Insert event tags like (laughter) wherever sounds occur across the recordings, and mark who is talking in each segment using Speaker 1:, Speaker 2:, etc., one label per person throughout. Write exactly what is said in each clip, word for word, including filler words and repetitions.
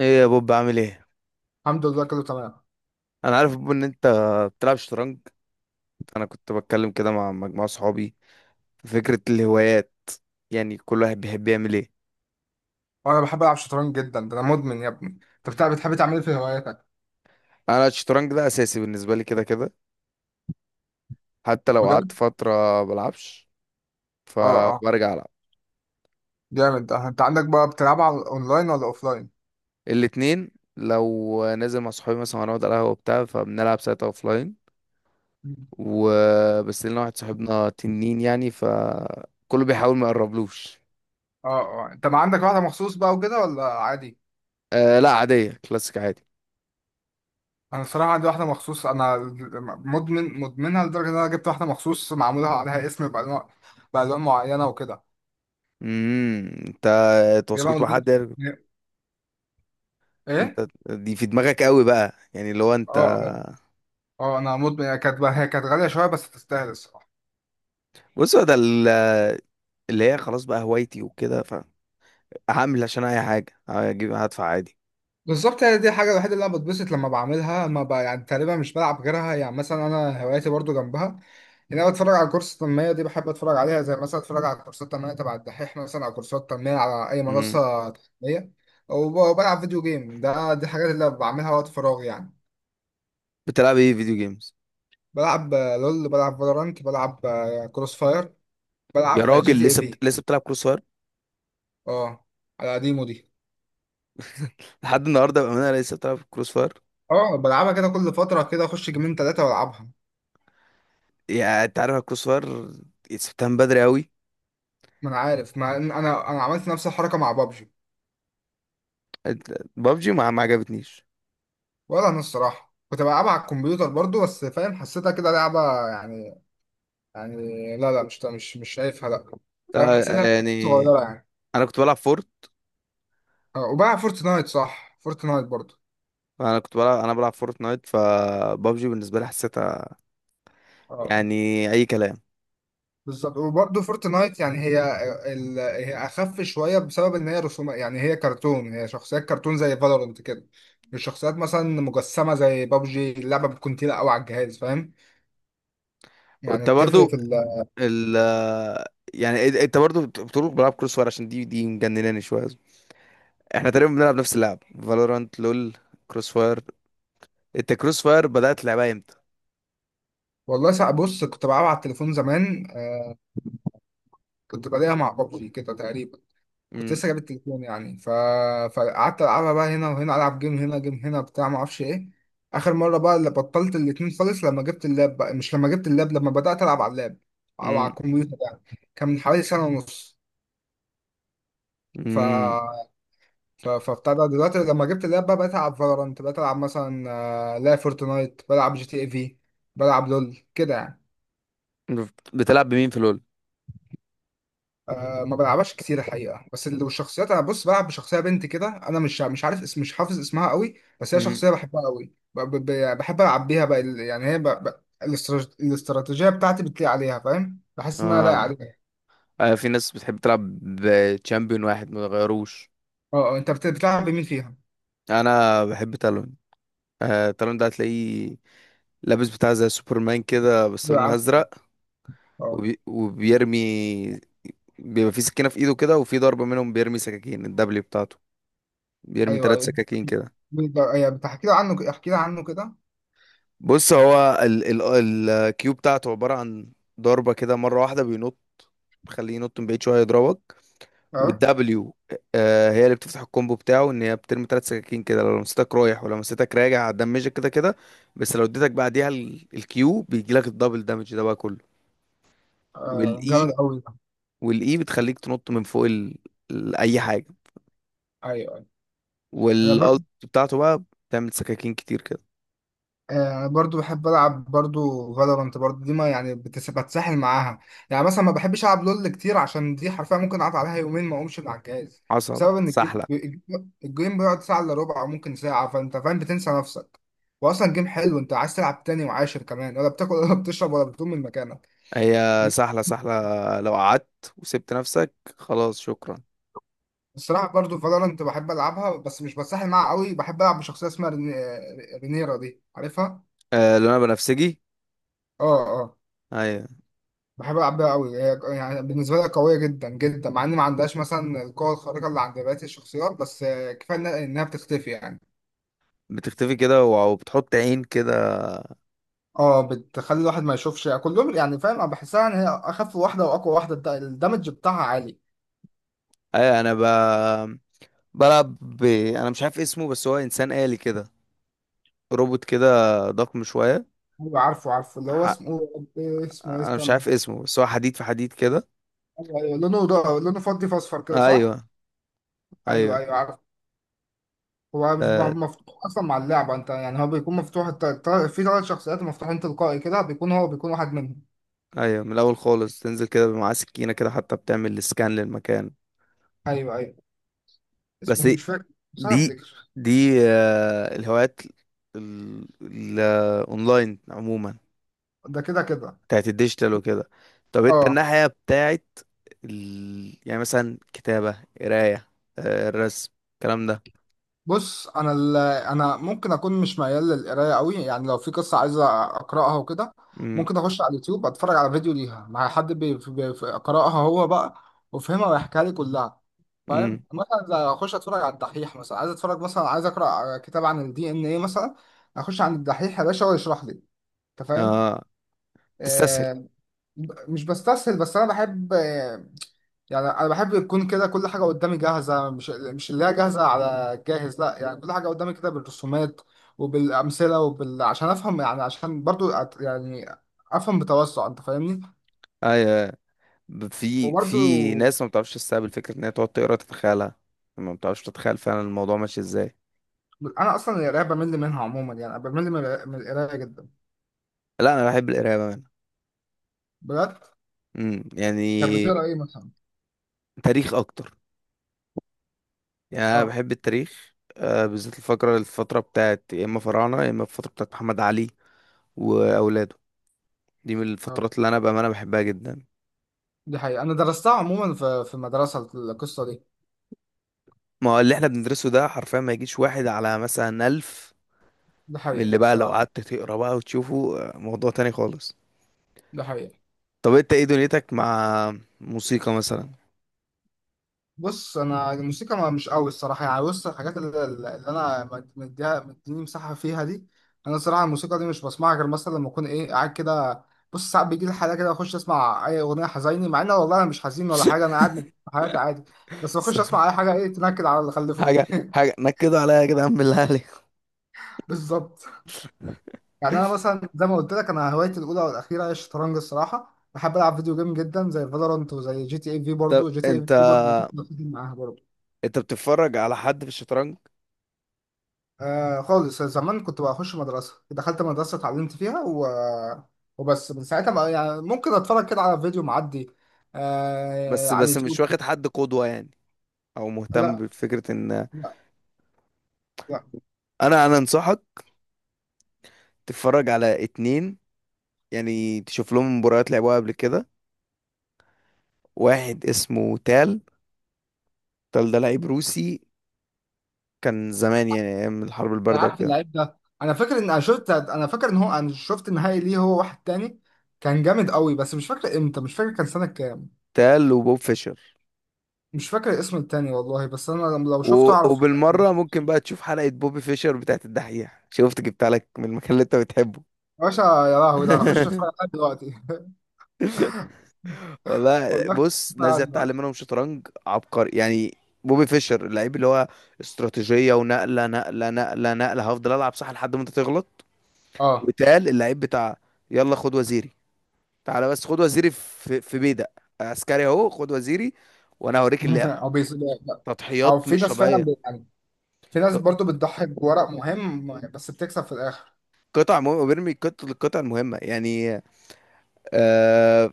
Speaker 1: ايه يا بوب، بعمل ايه؟
Speaker 2: الحمد لله، كله تمام.
Speaker 1: انا عارف يا بوب ان انت بتلعب شطرنج. انا كنت بتكلم كده مع مجموعه صحابي في فكره الهوايات، يعني كل واحد بيحب يعمل ايه.
Speaker 2: وانا بحب العب شطرنج جدا، ده انا مدمن يا ابني. انت بتاع بتحب تعمل ايه في هواياتك؟
Speaker 1: انا الشطرنج ده اساسي بالنسبه لي كده كده. حتى لو
Speaker 2: بجد؟
Speaker 1: قعدت فتره بلعبش
Speaker 2: اه اه
Speaker 1: فبرجع العب.
Speaker 2: جامد ده. انت عندك بقى بتلعبها على اونلاين ولا اوفلاين؟
Speaker 1: الاتنين. لو نازل مع صحابي مثلا هنقعد على القهوه وبتاع فبنلعب ساعتها اوفلاين.
Speaker 2: مم.
Speaker 1: وبس لنا واحد صاحبنا تنين يعني فكله بيحاول ما يقربلوش.
Speaker 2: اه اه انت ما عندك واحده مخصوص بقى وكده ولا عادي؟
Speaker 1: أه، لا عاديه كلاسيك عادي.
Speaker 2: انا الصراحه عندي واحده مخصوص انا. مدمن مدمنها لدرجه ان انا جبت واحده مخصوص معمولها عليها اسم بالوان، بالوان معينه وكده.
Speaker 1: امم انت
Speaker 2: جايبها
Speaker 1: اتواصلت
Speaker 2: من
Speaker 1: مع
Speaker 2: دور-
Speaker 1: حد؟
Speaker 2: ايه.
Speaker 1: انت دي في دماغك قوي بقى يعني اللي هو انت.
Speaker 2: اه اه. اه، انا مدمن. هي كانت هي كانت غاليه شويه بس تستاهل الصراحه.
Speaker 1: بص هو ده ال- اللي هي خلاص بقى هوايتي وكده. فهعمل عشان اي حاجه هجيب هدفع عادي.
Speaker 2: بالظبط. هي دي الحاجة الوحيدة اللي أنا بتبسط لما بعملها. ما ب... يعني تقريبا مش بلعب غيرها. يعني مثلا أنا هواياتي برضو جنبها، إن أنا بتفرج على كورس التنمية، دي بحب أتفرج عليها. زي مثلا أتفرج على كورسات تنمية تبع الدحيح مثلا، أو كورسات تنمية على أي
Speaker 1: امم
Speaker 2: منصة تنمية. وب- وبلعب فيديو جيم. ده دي الحاجات اللي بعملها وقت فراغي يعني.
Speaker 1: بتلعب ايه فيديو جيمز؟
Speaker 2: بلعب آه، لول، بلعب فالورانت، بلعب آه، كروس فاير،
Speaker 1: يا
Speaker 2: بلعب آه، جي
Speaker 1: راجل،
Speaker 2: تي اي
Speaker 1: لسه
Speaker 2: في.
Speaker 1: بت... لسه بتلعب كروس فاير؟
Speaker 2: اه، على قديمه دي.
Speaker 1: لحد النهارده بامانه لسه بتلعب كروس فاير؟
Speaker 2: اه، بلعبها كده كل فترة، كده أخش جيمين تلاتة وألعبها.
Speaker 1: يا، انت عارف الكروس فاير سبتها من بدري قوي.
Speaker 2: ما أنا عارف، ما أنا أنا عملت نفس الحركة مع بابجي.
Speaker 1: بابجي ما ما عجبتنيش.
Speaker 2: ولا انا الصراحه كنت بلعبها على الكمبيوتر برضو، بس فاهم، حسيتها كده لعبه يعني. يعني لا لا، مش مش مش شايفها، لا. فاهم،
Speaker 1: آه،
Speaker 2: حسيتها لعبة
Speaker 1: يعني
Speaker 2: صغيره يعني.
Speaker 1: انا كنت بلعب فورت
Speaker 2: اه، وبقى فورتنايت. صح، فورتنايت برضو.
Speaker 1: انا كنت بلعب انا بلعب فورت نايت، فبابجي بالنسبه لي حسيتها
Speaker 2: اه،
Speaker 1: يعني اي كلام.
Speaker 2: بالظبط. وبرضه فورتنايت يعني هي ال... هي اخف شويه بسبب ان هي رسومات، يعني هي كرتون، هي شخصيات كرتون زي فالورنت كده. مش شخصيات مثلا مجسمه زي بابجي. اللعبه بتكون تقيله قوي على الجهاز، فاهم يعني؟
Speaker 1: وانت برضو
Speaker 2: بتفرق في ال...
Speaker 1: ال يعني إد- انت برضو بت- بتقول بلعب كروس فاير عشان دي دي مجنناني شويه. احنا تقريبا بنلعب نفس اللعب فالورانت لول، كروس فاير. انت كروس فاير بدأت لعبها امتى؟
Speaker 2: والله ساعة، بص، كنت بلعبها على التليفون زمان آه، كنت بلاقيها مع بابجي كده تقريبا. كنت
Speaker 1: امم.
Speaker 2: لسه جايب التليفون يعني ف... فقعدت العبها بقى هنا وهنا، العب جيم هنا، جيم هنا، بتاع، ما اعرفش ايه. اخر مره بقى اللي بطلت الاتنين خالص لما جبت اللاب بقى، مش لما جبت اللاب، لما بدات العب على اللاب او على
Speaker 1: امم.
Speaker 2: الكمبيوتر يعني. كان من حوالي سنه ونص. ف
Speaker 1: امم.
Speaker 2: ف فبتاع ده دلوقتي لما جبت اللاب بقى، بقيت العب فالورانت، بقيت العب مثلا آه، لا فورتنايت، بلعب جي تي اي في، بلعب لول كده يعني.
Speaker 1: بتلعب بمين في لول؟
Speaker 2: أه، ما بلعبهاش كتير الحقيقه. بس لو الشخصيات، انا بص بلعب بشخصيه بنت كده، انا مش مش عارف اسم، مش حافظ اسمها قوي. بس هي
Speaker 1: امم.
Speaker 2: شخصيه بحبها قوي. ب- ب- ب- يعني بحب العب بيها بقى. ال- يعني هي ب- ب- الاسترا- الاستراتيجيه بتاعتي بتليق عليها، فاهم، بحس ان انا لايق
Speaker 1: آه.
Speaker 2: عليها.
Speaker 1: اه، في ناس بتحب تلعب بتشامبيون واحد ما غيروش.
Speaker 2: اه، آه، انت بت- بتلعب بمين فيها؟
Speaker 1: انا بحب تالون. آه تالون ده هتلاقيه لابس بتاع زي سوبرمان كده بس لونه
Speaker 2: بعرف.
Speaker 1: ازرق.
Speaker 2: اه.
Speaker 1: وبي... وبيرمي. بيبقى في سكينة في ايده كده، وفي ضربة منهم بيرمي سكاكين الدبلي بتاعته. بيرمي ثلاث
Speaker 2: ايوه
Speaker 1: سكاكين كده.
Speaker 2: ايوه، بتحكي لي عنه، احكي لي عنه كده.
Speaker 1: بص هو ال ال الكيو بتاعته عبارة عن ضربة كده مرة واحدة بينط. خليه ينط من بعيد شوية يضربك.
Speaker 2: اه،
Speaker 1: والدبليو. آه هي اللي بتفتح الكومبو بتاعه ان هي بترمي ثلاث سكاكين كده، لو لمستك رايح ولو لمستك راجع هتدمجك كده كده. بس لو اديتك بعديها ال- الكيو بيجي لك الدبل دامج ده بقى كله.
Speaker 2: آه،
Speaker 1: والاي.
Speaker 2: جامد قوي ده.
Speaker 1: والاي بتخليك تنط من فوق ال ال- اي حاجة.
Speaker 2: ايوه ايوه، انا
Speaker 1: والالت بتاعته بقى بتعمل سكاكين كتير كده.
Speaker 2: آه، برضو بحب العب برضو فالورانت برضو، دي ما يعني بتس- بتسحل معاها. يعني مثلا ما بحبش العب لول كتير، عشان دي حرفيا ممكن اقعد عليها يومين ما اقومش من على الجهاز،
Speaker 1: حصل
Speaker 2: بسبب ان الجيم
Speaker 1: سحلة.
Speaker 2: الجيم- الجيم بيقعد ساعه الا ربع او ممكن ساعه، فانت فاهم، بتنسى نفسك. واصلا جيم حلو، انت عايز تلعب تاني وعاشر كمان، ولا بتاكل ولا (laughs) بتشرب ولا بتقوم من مكانك.
Speaker 1: هي، سحلة سحلة، لو قعدت وسبت نفسك خلاص شكرا.
Speaker 2: الصراحه برضو فالورانت بحب العبها، بس مش بتسحل معاها قوي. بحب العب بشخصيه اسمها ريني- رينيرا، دي عارفها؟
Speaker 1: آه، لونها بنفسجي.
Speaker 2: اه. آه.
Speaker 1: ايوه،
Speaker 2: بحب ألعبها أوي. هي يعني بالنسبة لها قوية جدا جدا، مع إن ما عندهاش مثلا القوة الخارقة اللي عند بقية الشخصيات، بس آه، كفاية إنها إنها بتختفي يعني.
Speaker 1: بتختفي كده و- وبتحط عين كده.
Speaker 2: اه، بتخلي الواحد ما يشوفش كلهم يعني، فاهم، أنا بحسها إن هي أخف واحدة وأقوى واحدة. الد- الدمج بتاعها عالي.
Speaker 1: ايوه، انا ب... بلعب، ب... انا مش عارف اسمه بس هو انسان آلي كده. روبوت كده. ضخم شوية.
Speaker 2: أيوة، عارفه عارفه اللي هو
Speaker 1: ح...
Speaker 2: اسمه. إيه اسمه، إيه،
Speaker 1: انا مش
Speaker 2: استنى.
Speaker 1: عارف اسمه بس هو حديد في حديد كده.
Speaker 2: أيوة أيوة، لونه ده لونه فضي في أصفر كده، صح؟
Speaker 1: ايوه،
Speaker 2: أيوه
Speaker 1: ايوه.
Speaker 2: أيوه عارفه. هو مش
Speaker 1: آه،
Speaker 2: م- مفتوح أصلا مع اللعبة، أنت يعني هو بيكون مفتوح الت- الت- في ثلاث شخصيات مفتوحين تلقائي كده، بيكون هو بيكون واحد منهم.
Speaker 1: ايوه، من الاول خالص تنزل كده معاه سكينة كده حتى بتعمل سكان للمكان.
Speaker 2: أيوه أيوه، اسمه
Speaker 1: بس
Speaker 2: إيه؟ مش فاكر. مش عارف
Speaker 1: دي
Speaker 2: أفتكر.
Speaker 1: دي آه، الهوايات الاونلاين عموما،
Speaker 2: ده كده كده.
Speaker 1: بتاعت الديجيتال وكده. طب انت
Speaker 2: اه،
Speaker 1: الناحية بتاعت ال... يعني مثلا كتابة قراية، آه، الرسم الكلام ده؟
Speaker 2: بص انا ال... انا ممكن اكون مش ميال للقرايه قوي يعني، لو في قصه عايز اقراها وكده
Speaker 1: امم.
Speaker 2: ممكن اخش على اليوتيوب، اتفرج على فيديو ليها مع حد بي... بي... بي- قراها هو بقى وفهمها ويحكيها لي كلها. فاهم،
Speaker 1: امم.
Speaker 2: مثلا زي اخش اتفرج على الدحيح مثلا، عايز اتفرج مثلا، عايز اقرا كتاب عن الدي ان ايه مثلا، اخش عند الدحيح يا باشا هو يشرح لي. انت فاهم.
Speaker 1: اه، تستسهل؟
Speaker 2: آه... ب- مش بستسهل، بس انا بحب يعني. انا بحب يكون كده كل حاجه قدامي جاهزه، مش مش اللي هي جاهزه على جاهز، لا يعني كل حاجه قدامي كده بالرسومات وبالامثله وبال، عشان افهم يعني، عشان برضو أت- يعني افهم بتوسع، انت فاهمني.
Speaker 1: ايوه، ب- في في
Speaker 2: وبرضو،
Speaker 1: ناس ما بتعرفش تستقبل فكرة ان هي تقعد تقرا تتخيلها. ما بتعرفش تتخيل فعلا الموضوع ماشي ازاي.
Speaker 2: انا اصلا القرايه بمل منها عموما يعني، بمل من القرايه من القراية جدا.
Speaker 1: لا، انا بحب القراية بقى.
Speaker 2: بجد؟
Speaker 1: امم، يعني،
Speaker 2: طب بتقرا ايه مثلا؟
Speaker 1: تاريخ اكتر. يعني أنا
Speaker 2: اه
Speaker 1: بحب التاريخ، آه، بالذات الفقرة الفترة بتاعت يا إما فراعنة يا إما الفترة بتاعت محمد علي وأولاده. دي من
Speaker 2: اه
Speaker 1: الفترات اللي أنا بأمانة بحبها جدا.
Speaker 2: دي حقيقه، انا درستها عموما في في المدرسه القصه دي.
Speaker 1: ما هو اللي إحنا بندرسه ده حرفيا ما يجيش واحد على مثلا ألف.
Speaker 2: دي
Speaker 1: من
Speaker 2: حقيقه
Speaker 1: اللي بقى لو
Speaker 2: الصراحه.
Speaker 1: قعدت تقرا بقى وتشوفه آه، موضوع تاني خالص.
Speaker 2: دي حقيقه.
Speaker 1: طب أنت إيه دنيتك مع موسيقى مثلا؟
Speaker 2: بص انا الموسيقى ما- مش قوي الصراحه يعني. بص الحاجات اللي, اللي انا مد- مديها مديني مساحه فيها دي. انا الصراحه الموسيقى دي مش بسمعها غير مثلا لما اكون ايه قاعد كده. بص ساعات بيجي لي حاله كده، اخش اسمع اي اغنيه حزيني، مع ان والله انا مش حزين ولا حاجه، انا
Speaker 1: (laughs)
Speaker 2: قاعد في حياتي عادي، بس بخش اسمع اي حاجه ايه تنكد على اللي خلفوني
Speaker 1: حاجة
Speaker 2: (laughs)
Speaker 1: حاجة نكدوا عليا يا جدعان (laughs) بالله عليك.
Speaker 2: بالظبط. يعني انا مثلا زي ما قلت لك، انا هوايتي الاولى والاخيره هي الشطرنج الصراحه. بحب العب فيديو جيم جدا زي فالورانت وزي جي تي اي في
Speaker 1: طب
Speaker 2: برضه. جي تي اي
Speaker 1: أنت
Speaker 2: في برضه بخش بخش معاها برضه.
Speaker 1: أنت بتتفرج على حد في الشطرنج؟
Speaker 2: آه خالص، زمان كنت بخش مدرسة، دخلت مدرسة اتعلمت فيها و... وبس من ساعتها بقى يعني ممكن اتفرج كده على فيديو معدي آه
Speaker 1: بس
Speaker 2: على
Speaker 1: بس مش
Speaker 2: اليوتيوب.
Speaker 1: واخد حد قدوة يعني؟ أو مهتم
Speaker 2: لا
Speaker 1: بفكرة إن؟
Speaker 2: لا لا
Speaker 1: انا انا انصحك تتفرج على اتنين، يعني تشوف لهم مباريات لعبوها قبل كده. واحد اسمه تال. تال ده لعيب روسي، كان زمان يعني ايام الحرب
Speaker 2: انا
Speaker 1: البارده
Speaker 2: عارف
Speaker 1: وكده.
Speaker 2: اللعيب ده. انا فاكر ان انا شفت، انا فاكر ان هو انا شفت نهائي ليه هو واحد تاني كان جامد قوي، بس مش فاكر امتى، مش فاكر كان سنة كام.
Speaker 1: تال وبوب فيشر.
Speaker 2: مش فاكر الاسم التاني والله، بس انا لم- لو
Speaker 1: و...
Speaker 2: شفته اعرف.
Speaker 1: وبالمره ممكن بقى تشوف حلقه بوبي فيشر بتاعت الدحيح، شفت جبتها لك من المكان اللي انت بتحبه.
Speaker 2: يا باشا يا لهوي، ده هخش
Speaker 1: (laughs)
Speaker 2: اتفرج عليه دلوقتي (laughs)
Speaker 1: والله
Speaker 2: والله هخش
Speaker 1: بص،
Speaker 2: أتفرج
Speaker 1: ناس زي
Speaker 2: عليه
Speaker 1: اتعلم
Speaker 2: دلوقتي.
Speaker 1: منهم شطرنج عبقري يعني. بوبي فيشر اللعيب اللي هو استراتيجيه ونقله نقله نقله نقله هفضل العب صح لحد ما انت تغلط.
Speaker 2: اه
Speaker 1: وتقال اللعيب بتاع، يلا خد وزيري، تعالى بس خد وزيري في في بيدق، عسكري اهو خد وزيري، وانا هوريك اللعب.
Speaker 2: (laughs) او بيس... او
Speaker 1: تضحيات
Speaker 2: في
Speaker 1: مش
Speaker 2: ناس فعلا
Speaker 1: طبيعيه.
Speaker 2: بي- يعني، في ناس
Speaker 1: ط-
Speaker 2: برضو بتضحي بورق مهم بس بتكسب في الاخر.
Speaker 1: قطع مهمه وبيرمي قط- القطع المهمه يعني. آه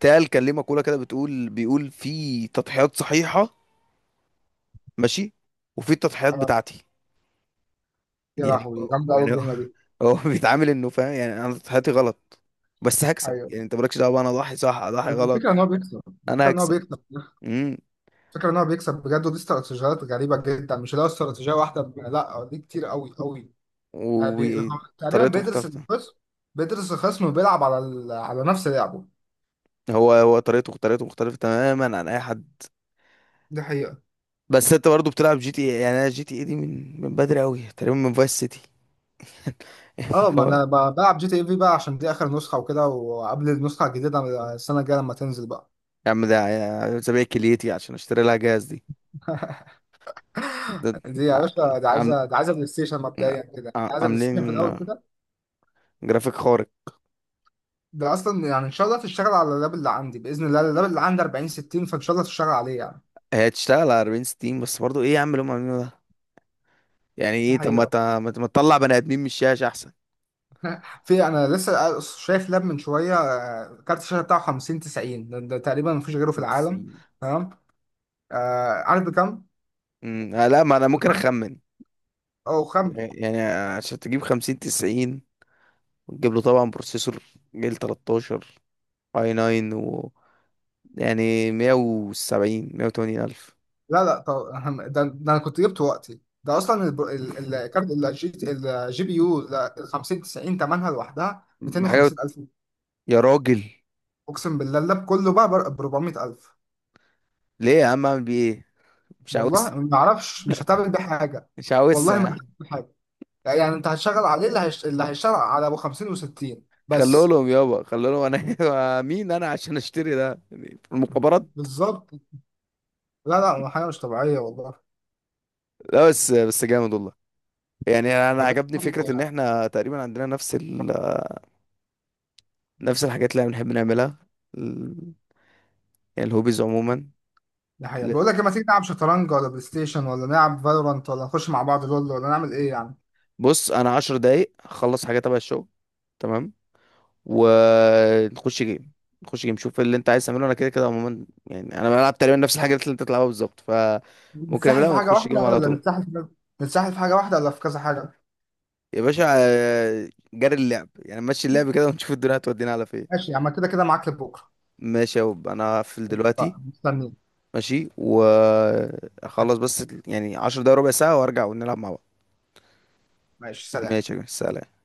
Speaker 1: تقال كان ليه مقوله كده بتقول بيقول في تضحيات صحيحه، ماشي، وفي التضحيات
Speaker 2: آه،
Speaker 1: بتاعتي.
Speaker 2: يا
Speaker 1: يعني
Speaker 2: لهوي، جامده قوي
Speaker 1: يعني هو
Speaker 2: الجمله دي.
Speaker 1: (laughs) هو بيتعامل انه فاهم يعني انا تضحياتي غلط بس هكسب،
Speaker 2: ايوه
Speaker 1: يعني انت مالكش دعوه بقى انا اضحي صح اضحي
Speaker 2: بس الفكره
Speaker 1: غلط،
Speaker 2: ان هو بيكسب.
Speaker 1: انا
Speaker 2: الفكره ان هو
Speaker 1: هكسب.
Speaker 2: بيكسب.
Speaker 1: امم.
Speaker 2: الفكره ان هو بيكسب بجد. ودي استراتيجيات غريبه جدا، مش اللي هو استراتيجيه واحده، ب- لا دي كتير قوي قوي. يعني بي... هو تقريبا
Speaker 1: وطريقته
Speaker 2: بيدرس
Speaker 1: مختلفه.
Speaker 2: الخصم. بيدرس الخصم وبيلعب على ال... على نفس لعبه.
Speaker 1: هو هو طريقته طريقته مختلفة تماما عن أي حد.
Speaker 2: دي حقيقة.
Speaker 1: بس أنت برضه بتلعب جي تي إيه، يعني أنا جي تي إيه دي من من بدري أوي تقريبا من فايس سيتي. (laughs) يعني،
Speaker 2: اه، ما
Speaker 1: هو،
Speaker 2: انا ب- بلعب جي تي اي في بقى عشان دي اخر نسخة وكده، وقبل النسخة الجديدة السنة الجاية لما تنزل بقى.
Speaker 1: يا عم ده ع- سابق كليتي عشان أشتري لها جهاز دي. ده
Speaker 2: دي يا باشا، دي
Speaker 1: عم،
Speaker 2: عايزه دي عايزه بلاي ستيشن مبدئيا كده،
Speaker 1: ع-
Speaker 2: دي عايزه بلاي ستيشن في
Speaker 1: عاملين
Speaker 2: الاول كده.
Speaker 1: جرافيك خارق.
Speaker 2: ده اصلا يعني ان شاء الله تشتغل على اللاب اللي عندي باذن الله. اللاب اللي عندي أربعين ستين، فان شاء الله تشتغل عليه يعني.
Speaker 1: هي تشتغل على اربعين ستين بس برضه إيه يا عم اللي هم عاملينه ده. يعني
Speaker 2: دي
Speaker 1: إيه؟ طب ما
Speaker 2: حقيقه.
Speaker 1: ت- ما ت- ما تطلع بني آدمين من الشاشة أحسن.
Speaker 2: في، انا لسه شايف لاب من شويه آه، كارت الشاشه بتاعه خمسين تسعين. ده, ده تقريبا مفيش غيره في
Speaker 1: خمسين
Speaker 2: العالم.
Speaker 1: تسعين.
Speaker 2: تمام. آه عارف بكام؟
Speaker 1: أمم، آه، لا ما أنا ممكن
Speaker 2: بكام؟
Speaker 1: أخمن.
Speaker 2: او خم
Speaker 1: يعني عشان تجيب خمسين تسعين وتجيب له طبعا بروسيسور جيل ثلاثة عشر اي تسعة و يعني مية وسبعين مية وتمانين الف
Speaker 2: لا لا، طب (laughs) أهم- ده, ده انا كنت جبته وقتي ده اصلا الب- ال- الكارت الجي الجي بي يو ال خمسين تسعين ثمنها لوحدها
Speaker 1: حاجه.
Speaker 2: مئتين وخمسين ألف.
Speaker 1: يا راجل،
Speaker 2: اقسم بالله اللاب كله بقى ب أربعمية ألف.
Speaker 1: ليه يا عم اعمل بيه ايه؟ مش
Speaker 2: والله
Speaker 1: عاوز.
Speaker 2: ما اعرفش مش هتعمل بيه حاجه.
Speaker 1: مش
Speaker 2: والله
Speaker 1: عاوزها يا
Speaker 2: ما هتعمل
Speaker 1: عم.
Speaker 2: بيه حاجه يعني يعني انت هتشتغل عليه اللي هيش... اللي هيشتغل على ابو خمسين و60
Speaker 1: خلوا
Speaker 2: بس.
Speaker 1: لهم يابا، خلوا لهم. انا (laughs) مين انا عشان اشتري ده؟ يعني في المخابرات؟
Speaker 2: بالظبط. لا لا، حاجه مش طبيعيه والله.
Speaker 1: لا بس بس جامد والله. يعني انا
Speaker 2: طب إيه؟
Speaker 1: عجبني فكره ان احنا تقريبا عندنا نفس ال... نفس الحاجات اللي احنا بنحب نعملها، ال... يعني الهوبيز عموما.
Speaker 2: ده حقيقة.
Speaker 1: ل-
Speaker 2: بقول لك إيه، ما تيجي نلعب شطرنج ولا بلاي ستيشن، ولا نلعب فالورانت، ولا نخش مع بعض لول، ولا نعمل ايه يعني؟
Speaker 1: بص انا عشر دقايق هخلص حاجه تبع الشغل، تمام، ونخش جيم. نخش جيم شوف اللي انت عايز تعمله، انا كده كده عموما يعني انا بلعب تقريبا نفس الحاجات اللي انت بتلعبها بالظبط فممكن
Speaker 2: نتسحل
Speaker 1: اعملها
Speaker 2: في حاجه
Speaker 1: ونخش
Speaker 2: واحده
Speaker 1: جيم على
Speaker 2: ولا
Speaker 1: طول.
Speaker 2: نتسحل في، نتسحل في حاجه واحده ولا في كذا حاجه؟
Speaker 1: يا باشا، آه، جري اللعب يعني مشي اللعب كده ونشوف الدنيا هتودينا على فين.
Speaker 2: ماشي يا عم، كده كده معاك لبكره.
Speaker 1: ماشي يا وب، انا هقفل دلوقتي.
Speaker 2: اتفقنا. مستنيين.
Speaker 1: ماشي، واخلص بس يعني عشر دقايق ربع ساعة وارجع ونلعب مع بعض.
Speaker 2: ماشي
Speaker 1: ماشي
Speaker 2: سلام.
Speaker 1: يا جماعة، سلام.